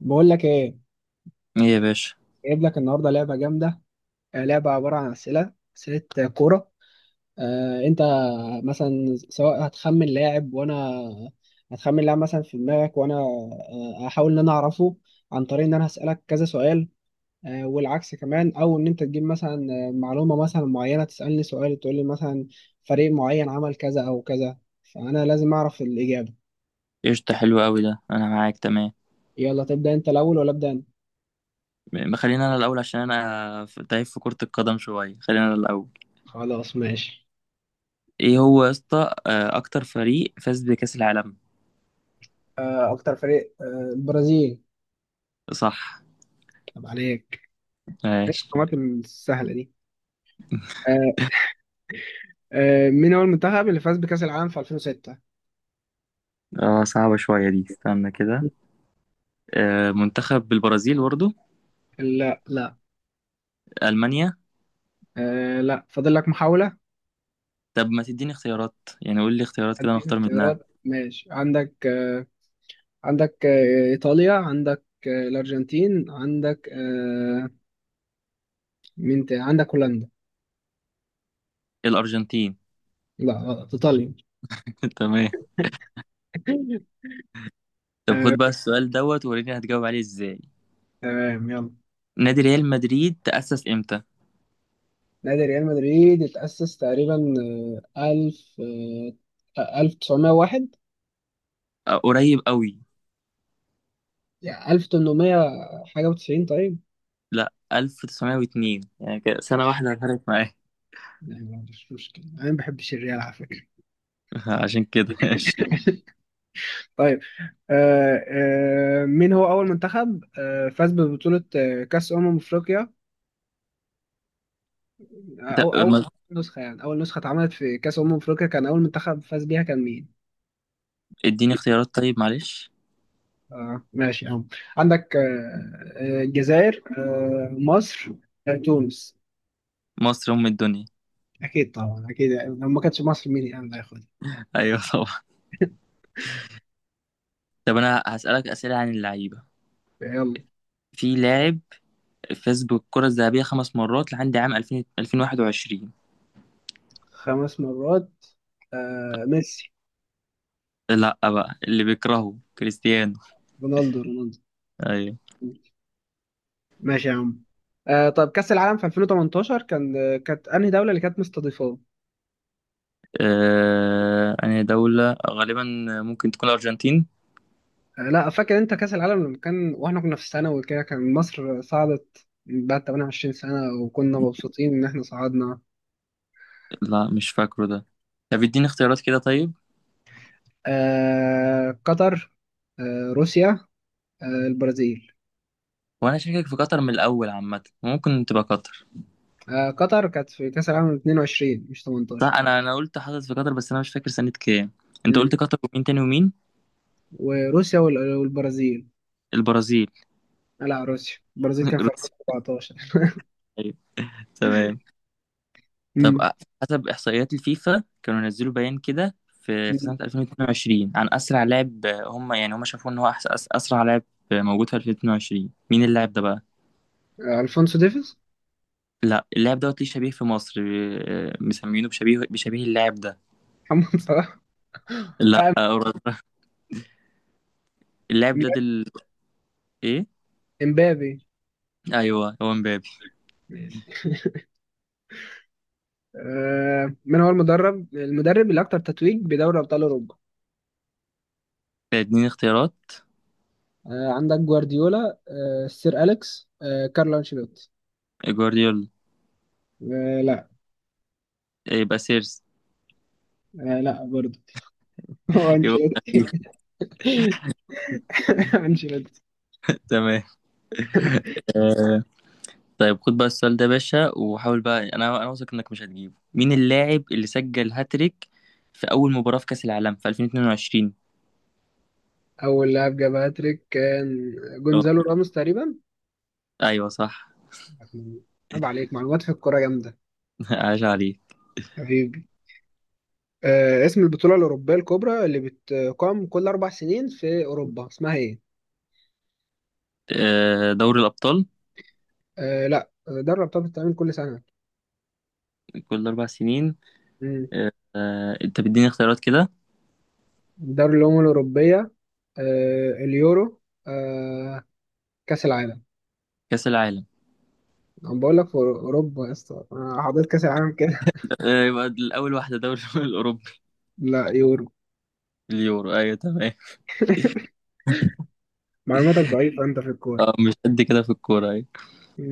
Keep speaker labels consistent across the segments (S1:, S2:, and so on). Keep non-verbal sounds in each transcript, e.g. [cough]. S1: بقول لك ايه.
S2: ايه يا باشا.
S1: جايب لك النهارده لعبه جامده. لعبه عباره عن اسئله اسئله. كوره. انت مثلا سواء هتخمن لاعب وانا هتخمن لاعب مثلا في دماغك، وانا هحاول ان انا اعرفه عن طريق ان انا هسالك كذا سؤال. والعكس كمان، او ان انت تجيب مثلا معلومه مثلا معينه، تسالني سؤال تقول لي مثلا فريق معين عمل كذا او كذا، فانا لازم اعرف الاجابه.
S2: قشطة، حلو قوي ده، انا معاك تمام.
S1: يلا تبدا انت الاول ولا ابدا انا؟
S2: خلينا انا الاول عشان انا تايه في كرة القدم شوية، خلينا انا الاول.
S1: خلاص ماشي.
S2: ايه هو يا اسطى، اكتر فريق فاز بكأس العالم؟
S1: اكتر فريق، البرازيل.
S2: صح.
S1: طب عليك.
S2: ماشي.
S1: الحكومات السهله دي. آه. مين هو المنتخب اللي فاز بكاس العالم في 2006؟
S2: اه صعبة شوية دي، استنى كده. منتخب البرازيل برضه.
S1: لا لا.
S2: المانيا.
S1: آه لا، فاضل لك محاوله.
S2: طب ما تديني اختيارات، يعني قول لي اختيارات كده
S1: اديك
S2: نختار منها.
S1: اختيارات ماشي. عندك آه، عندك ايطاليا، عندك الارجنتين، عندك آه، مين تاني؟ عندك هولندا.
S2: الارجنتين.
S1: لا غلط، ايطاليا.
S2: [laughs] تمام.
S1: [laughs]
S2: طب
S1: آه،
S2: خد بقى السؤال دوت وريني هتجاوب عليه ازاي.
S1: تمام يلا.
S2: نادي ريال مدريد تأسس امتى؟
S1: نادي ريال مدريد اتأسس تقريبا ألف، ألف تسعمية واحد.
S2: قريب قوي.
S1: يعني ألف تمنمية حاجة وتسعين، طيب؟
S2: لا، 1902، يعني كده سنة واحدة فرقت معايا.
S1: يعني ما عنديش مشكلة، أنا ما بحبش الريال على فكرة.
S2: [laughs] عشان كده ماشي.
S1: طيب. مين هو أول منتخب آه فاز ببطولة آه كأس أمم أفريقيا؟
S2: طب
S1: أو أول نسخة، يعني أول نسخة اتعملت في كأس أمم أفريقيا كان أول منتخب فاز بيها كان مين؟
S2: اديني اختيارات طيب، معلش.
S1: آه ماشي يا عم. عندك آه، الجزائر، آه مصر، تونس.
S2: مصر أم الدنيا.
S1: أكيد طبعا أكيد، يعني لو ما كانتش مصر مين يعني اللي هياخدها؟
S2: [laughs] أيوة طبعا. طب أنا هسألك أسئلة عن اللعيبة.
S1: يلا.
S2: في لاعب فاز بالكرة الذهبية خمس مرات لحد عام 2000 2021.
S1: خمس مرات. آه ميسي.
S2: لا، بقى اللي بيكرهه كريستيانو.
S1: رونالدو رونالدو.
S2: أيوة.
S1: ماشي يا عم. آه، طب كأس العالم في 2018 كانت انهي دولة اللي كانت مستضيفاه؟
S2: أنا دولة غالبا، ممكن تكون الأرجنتين.
S1: آه لا، فاكر انت كأس العالم لما كان، واحنا كنا في الثانوي كده، كان مصر صعدت بعد 28 سنة، وكنا مبسوطين ان احنا صعدنا.
S2: لا مش فاكره ده. طب اديني اختيارات كده طيب.
S1: آه قطر، آه روسيا، آه البرازيل.
S2: وأنا شاكك في قطر من الأول عامة، ممكن تبقى قطر.
S1: آه قطر كانت في كأس العالم 22 مش
S2: صح،
S1: 18.
S2: انا قلت حصلت في قطر بس انا مش فاكر سنة كام. انت
S1: امم
S2: قلت قطر ومين تاني ومين؟
S1: وروسيا والبرازيل.
S2: البرازيل.
S1: آه لا، روسيا. البرازيل
S2: [laughs]
S1: كان في
S2: روسيا.
S1: 2014.
S2: أيوة. تمام. طب
S1: امم.
S2: حسب احصائيات الفيفا كانوا نزلوا بيان كده في
S1: أمم.
S2: سنة 2022 عن اسرع لاعب، هم يعني هم شافوا ان هو أحس اسرع لاعب موجود في 2022، مين اللاعب ده بقى؟
S1: الفونسو ديفيز.
S2: لا، اللاعب دوت ليه شبيه في مصر، مسمينه بشبيه اللاعب ده.
S1: محمد صلاح.
S2: لا،
S1: آه،
S2: أوروبا. اللاعب ده دل، ايه؟
S1: امبابي.
S2: ايوه هو مبابي.
S1: ماشي. آه، من هو المدرب اللي اكتر تتويج بدوري ابطال اوروبا؟
S2: اديني اختيارات.
S1: آه عندك جوارديولا، آه سير اليكس، آه كارلو انشيلوتي.
S2: جوارديولا.
S1: آه لا.
S2: يبقى سيرس.
S1: آه لا برضه. [laughs] هو انشيلوتي.
S2: يبقى.
S1: [laughs] انشيلوتي.
S2: تمام. آه، طيب خد بقى السؤال ده يا باشا، وحاول بقى، انا واثق انك مش هتجيبه، مين اللاعب اللي سجل هاتريك في اول مباراة في كأس العالم في 2022؟
S1: اول لاعب جاب هاتريك كان
S2: اه،
S1: جونزالو راموس تقريبا.
S2: ايوه صح.
S1: عيب عليك، معلومات في الكوره جامده.
S2: [laughs] عاش عليك.
S1: حبيبي. آه، اسم البطوله الاوروبيه الكبرى اللي بتقام كل اربع سنين في اوروبا اسمها ايه؟
S2: دوري الابطال.
S1: آه لا، دوري الابطال بتتعمل كل سنه.
S2: كل اربع سنين. انت بتديني اختيارات كده؟
S1: دوري الأمم الأوروبية، اليورو، آه، كأس العالم.
S2: كأس العالم.
S1: أنا بقول لك في أوروبا يا اسطى، أنا حضرت كأس العالم كده.
S2: يبقى الاول واحدة دوري [laughs] الاوروبي.
S1: [laughs] لا يورو.
S2: اليورو، ايوه تمام.
S1: معلوماتك ضعيفة أنت في
S2: [laughs]
S1: الكورة.
S2: اه مش قد كده في الكورة، ايوه.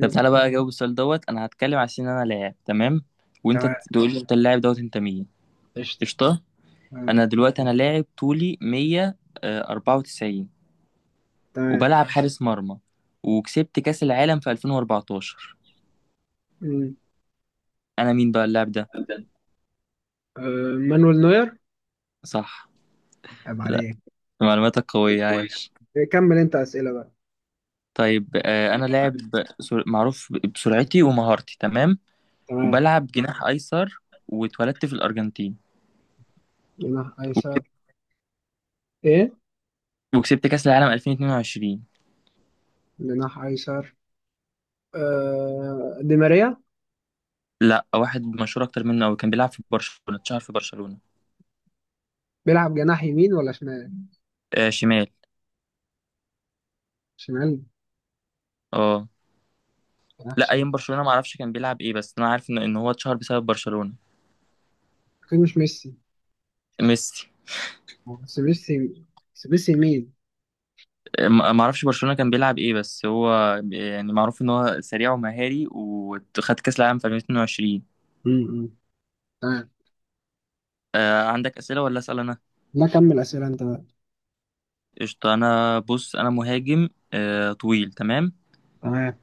S2: طب تعالى بقى اجاوب السؤال دوت. انا هتكلم على سن انا لاعب، تمام، وانت
S1: تمام.
S2: تقول لي انت اللاعب دوت انت مين.
S1: قشطة.
S2: قشطة.
S1: آه،
S2: انا دلوقتي انا لاعب طولي 194،
S1: تمام.
S2: وبلعب حارس مرمى، وكسبت كاس العالم في 2014.
S1: مم.
S2: انا مين بقى اللاعب ده؟
S1: آه، مانويل نوير.
S2: صح.
S1: عيب
S2: لا،
S1: عليك.
S2: معلوماتك قوية، عايش.
S1: إيه، كمل أنت أسئلة بقى.
S2: طيب، انا لاعب معروف بسرعتي ومهارتي، تمام،
S1: تمام.
S2: وبلعب جناح ايسر، واتولدت في الارجنتين،
S1: جناح
S2: و-
S1: أيسر. إيه؟
S2: وكسبت كاس العالم 2022.
S1: جناح أيسر. دي ماريا.
S2: لا، واحد مشهور اكتر منه أوي، كان بيلعب في برشلونة، اتشهر في برشلونة.
S1: بيلعب جناح يمين ولا شمال؟
S2: آه شمال.
S1: شمال.
S2: اه،
S1: جناح
S2: لا
S1: شمال.
S2: ايام برشلونة ما اعرفش كان بيلعب ايه بس انا عارف إن هو اتشهر بسبب برشلونة.
S1: أكيد مش ميسي.
S2: ميسي.
S1: بس ميسي. بس ميسي.
S2: ما اعرفش برشلونة كان بيلعب ايه بس هو يعني معروف ان هو سريع ومهاري وخد كاس العالم في 2022.
S1: يمين. تمام.
S2: آه عندك اسئلة ولا اسأل انا؟
S1: لا كمل أسئلة أنت بقى.
S2: قشطة. انا بص، انا مهاجم آه طويل، تمام.
S1: تمام.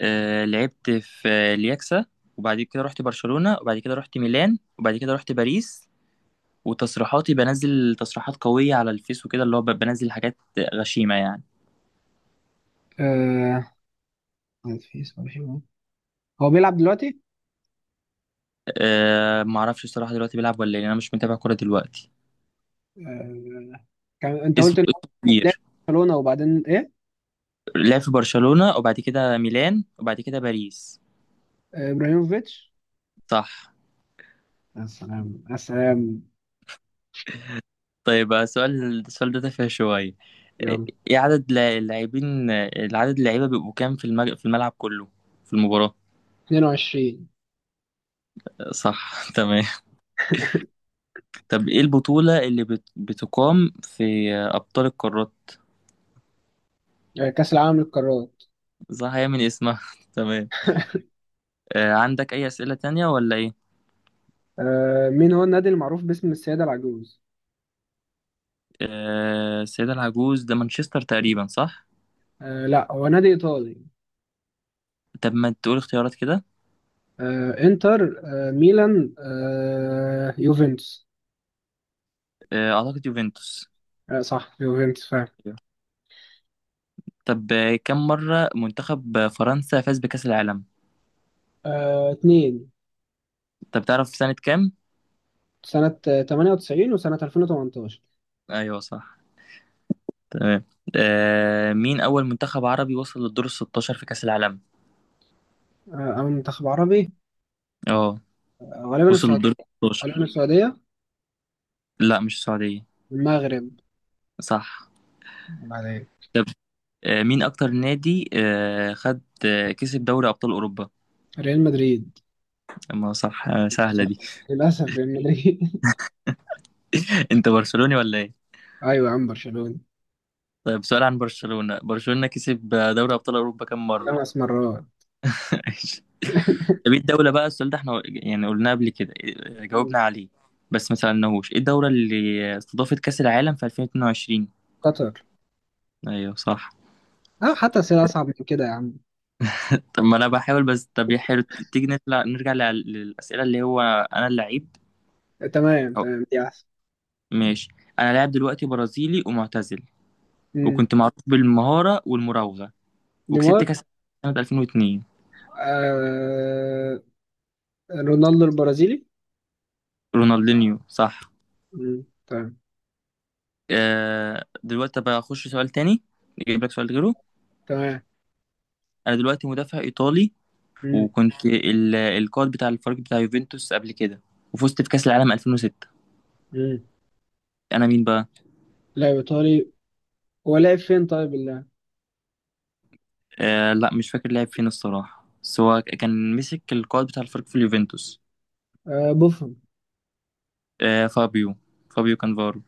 S2: آه لعبت في الياكسا، وبعد كده رحت برشلونة، وبعد كده رحت ميلان، وبعد كده رحت باريس، وتصريحاتي بنزل تصريحات قوية على الفيس وكده، اللي هو بنزل حاجات غشيمة يعني.
S1: آه، في سؤال حلو. هو بيلعب دلوقتي؟
S2: آه معرفش الصراحة دلوقتي بيلعب ولا ايه، انا مش متابع كورة دلوقتي.
S1: آه... أنت قلت
S2: اسمه
S1: إن هو
S2: اسمه
S1: لعب في
S2: كبير.
S1: برشلونة، وبعدين إيه؟
S2: لعب في برشلونة وبعد كده ميلان وبعد كده باريس.
S1: آه، إبراهيموفيتش.
S2: صح.
S1: يا سلام يا سلام.
S2: طيب، السؤال ده تافه شوية. آه،
S1: يلا.
S2: ايه عدد اللاعبين، العدد اللعيبة بيبقوا كام في في الملعب كله، في المباراة؟
S1: 22.
S2: صح. [laughs] تمام. طب ايه البطولة اللي بتقام في أبطال القارات؟
S1: آه، كأس العالم للقارات.
S2: صح، هي من اسمها. [laughs] تمام. عندك أي أسئلة تانية ولا ايه؟
S1: آه، مين هو النادي المعروف باسم السيدة العجوز؟
S2: السيدة العجوز ده مانشستر تقريبا، صح؟
S1: آه، لا هو نادي إيطالي.
S2: طب ما تقول اختيارات كده.
S1: آه، إنتر، آه ميلان، آه يوفنتوس.
S2: أعتقد يوفنتوس.
S1: آه، صح يوفنتوس فعلا.
S2: طب كم مرة منتخب فرنسا فاز بكأس العالم؟
S1: آه، اتنين.
S2: طب تعرف سنة كام؟
S1: سنة 98 وسنة 2018.
S2: أيوه صح. تمام. آه مين أول منتخب عربي وصل للدور الستاشر في كأس العالم؟
S1: آه، أو منتخب عربي.
S2: اه.
S1: آه، غالبا
S2: وصل
S1: السعودية.
S2: للدور الستاشر.
S1: غالبا السعودية.
S2: لا مش السعودية.
S1: المغرب.
S2: صح.
S1: بعدين.
S2: طب مين أكتر نادي خد آه كسب دوري أبطال أوروبا؟
S1: ريال مدريد.
S2: ما صح آه سهلة
S1: للأسف.
S2: دي.
S1: للأسف ريال مدريد. [laughs]
S2: [laughs] أنت برشلوني ولا إيه؟
S1: أيوة يا عم برشلونة.
S2: طيب سؤال عن برشلونة، برشلونة كسب دوري أبطال أوروبا كم مرة؟
S1: خمس مرات.
S2: [laughs] طب ايه الدولة، بقى السؤال ده احنا يعني قلناه قبل كده،
S1: مم.
S2: جاوبنا عليه، بس ما سألناهوش ايه الدولة اللي استضافت كأس العالم في 2022.
S1: قطر.
S2: ايوه صح.
S1: أه، حتى أسئلة أصعب من كده يا عم.
S2: [laughs] طب ما انا بحاول بس. طب يا حلو، تيجي نطلع نرجع للأسئلة اللي هو انا اللعيب.
S1: تمام
S2: أو
S1: تمام، دي أحسن.
S2: ماشي. انا لاعب دلوقتي برازيلي ومعتزل،
S1: مم.
S2: وكنت معروف بالمهارة والمراوغة، وكسبت
S1: نيمار.
S2: كأس العالم سنة 2002.
S1: آه، رونالدو البرازيلي.
S2: رونالدينيو. صح.
S1: مم. تمام
S2: آه دلوقتي بقى اخش سؤال تاني، نجيب لك سؤال غيره.
S1: تمام.
S2: انا دلوقتي مدافع ايطالي،
S1: مم.
S2: وكنت القائد بتاع الفريق بتاع يوفنتوس قبل كده، وفزت في كأس العالم 2006.
S1: مم.
S2: انا مين بقى؟
S1: لاعب إيطالي. هو لاعب فين طيب اللاعب؟
S2: آه لا مش فاكر لعب فين الصراحة بس هو كان مسك القائد بتاع الفريق في اليوفنتوس.
S1: آه بوفون.
S2: آه فابيو، فابيو كانفارو.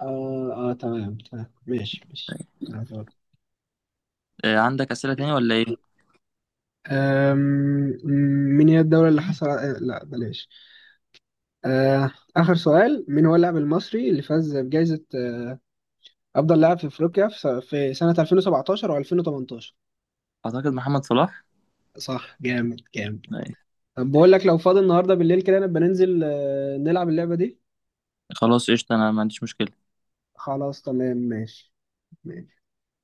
S1: آه، آه تمام تمام، ماشي ماشي.
S2: آه عندك أسئلة تانية ولا ايه؟
S1: أم، من هي الدولة اللي حصل آه، لا بلاش. أه، آخر سؤال: مين هو اللاعب المصري اللي فاز بجائزة أه، أفضل لاعب في أفريقيا في في سنة 2017 و2018؟
S2: اعتقد محمد صلاح.
S1: صح جامد جامد.
S2: آه.
S1: طب بقول لك لو فاضي النهاردة بالليل كده، نبقى ننزل أه، نلعب اللعبة دي.
S2: خلاص قشطة انا ما عنديش مشكلة.
S1: خلاص تمام ماشي. ماشي.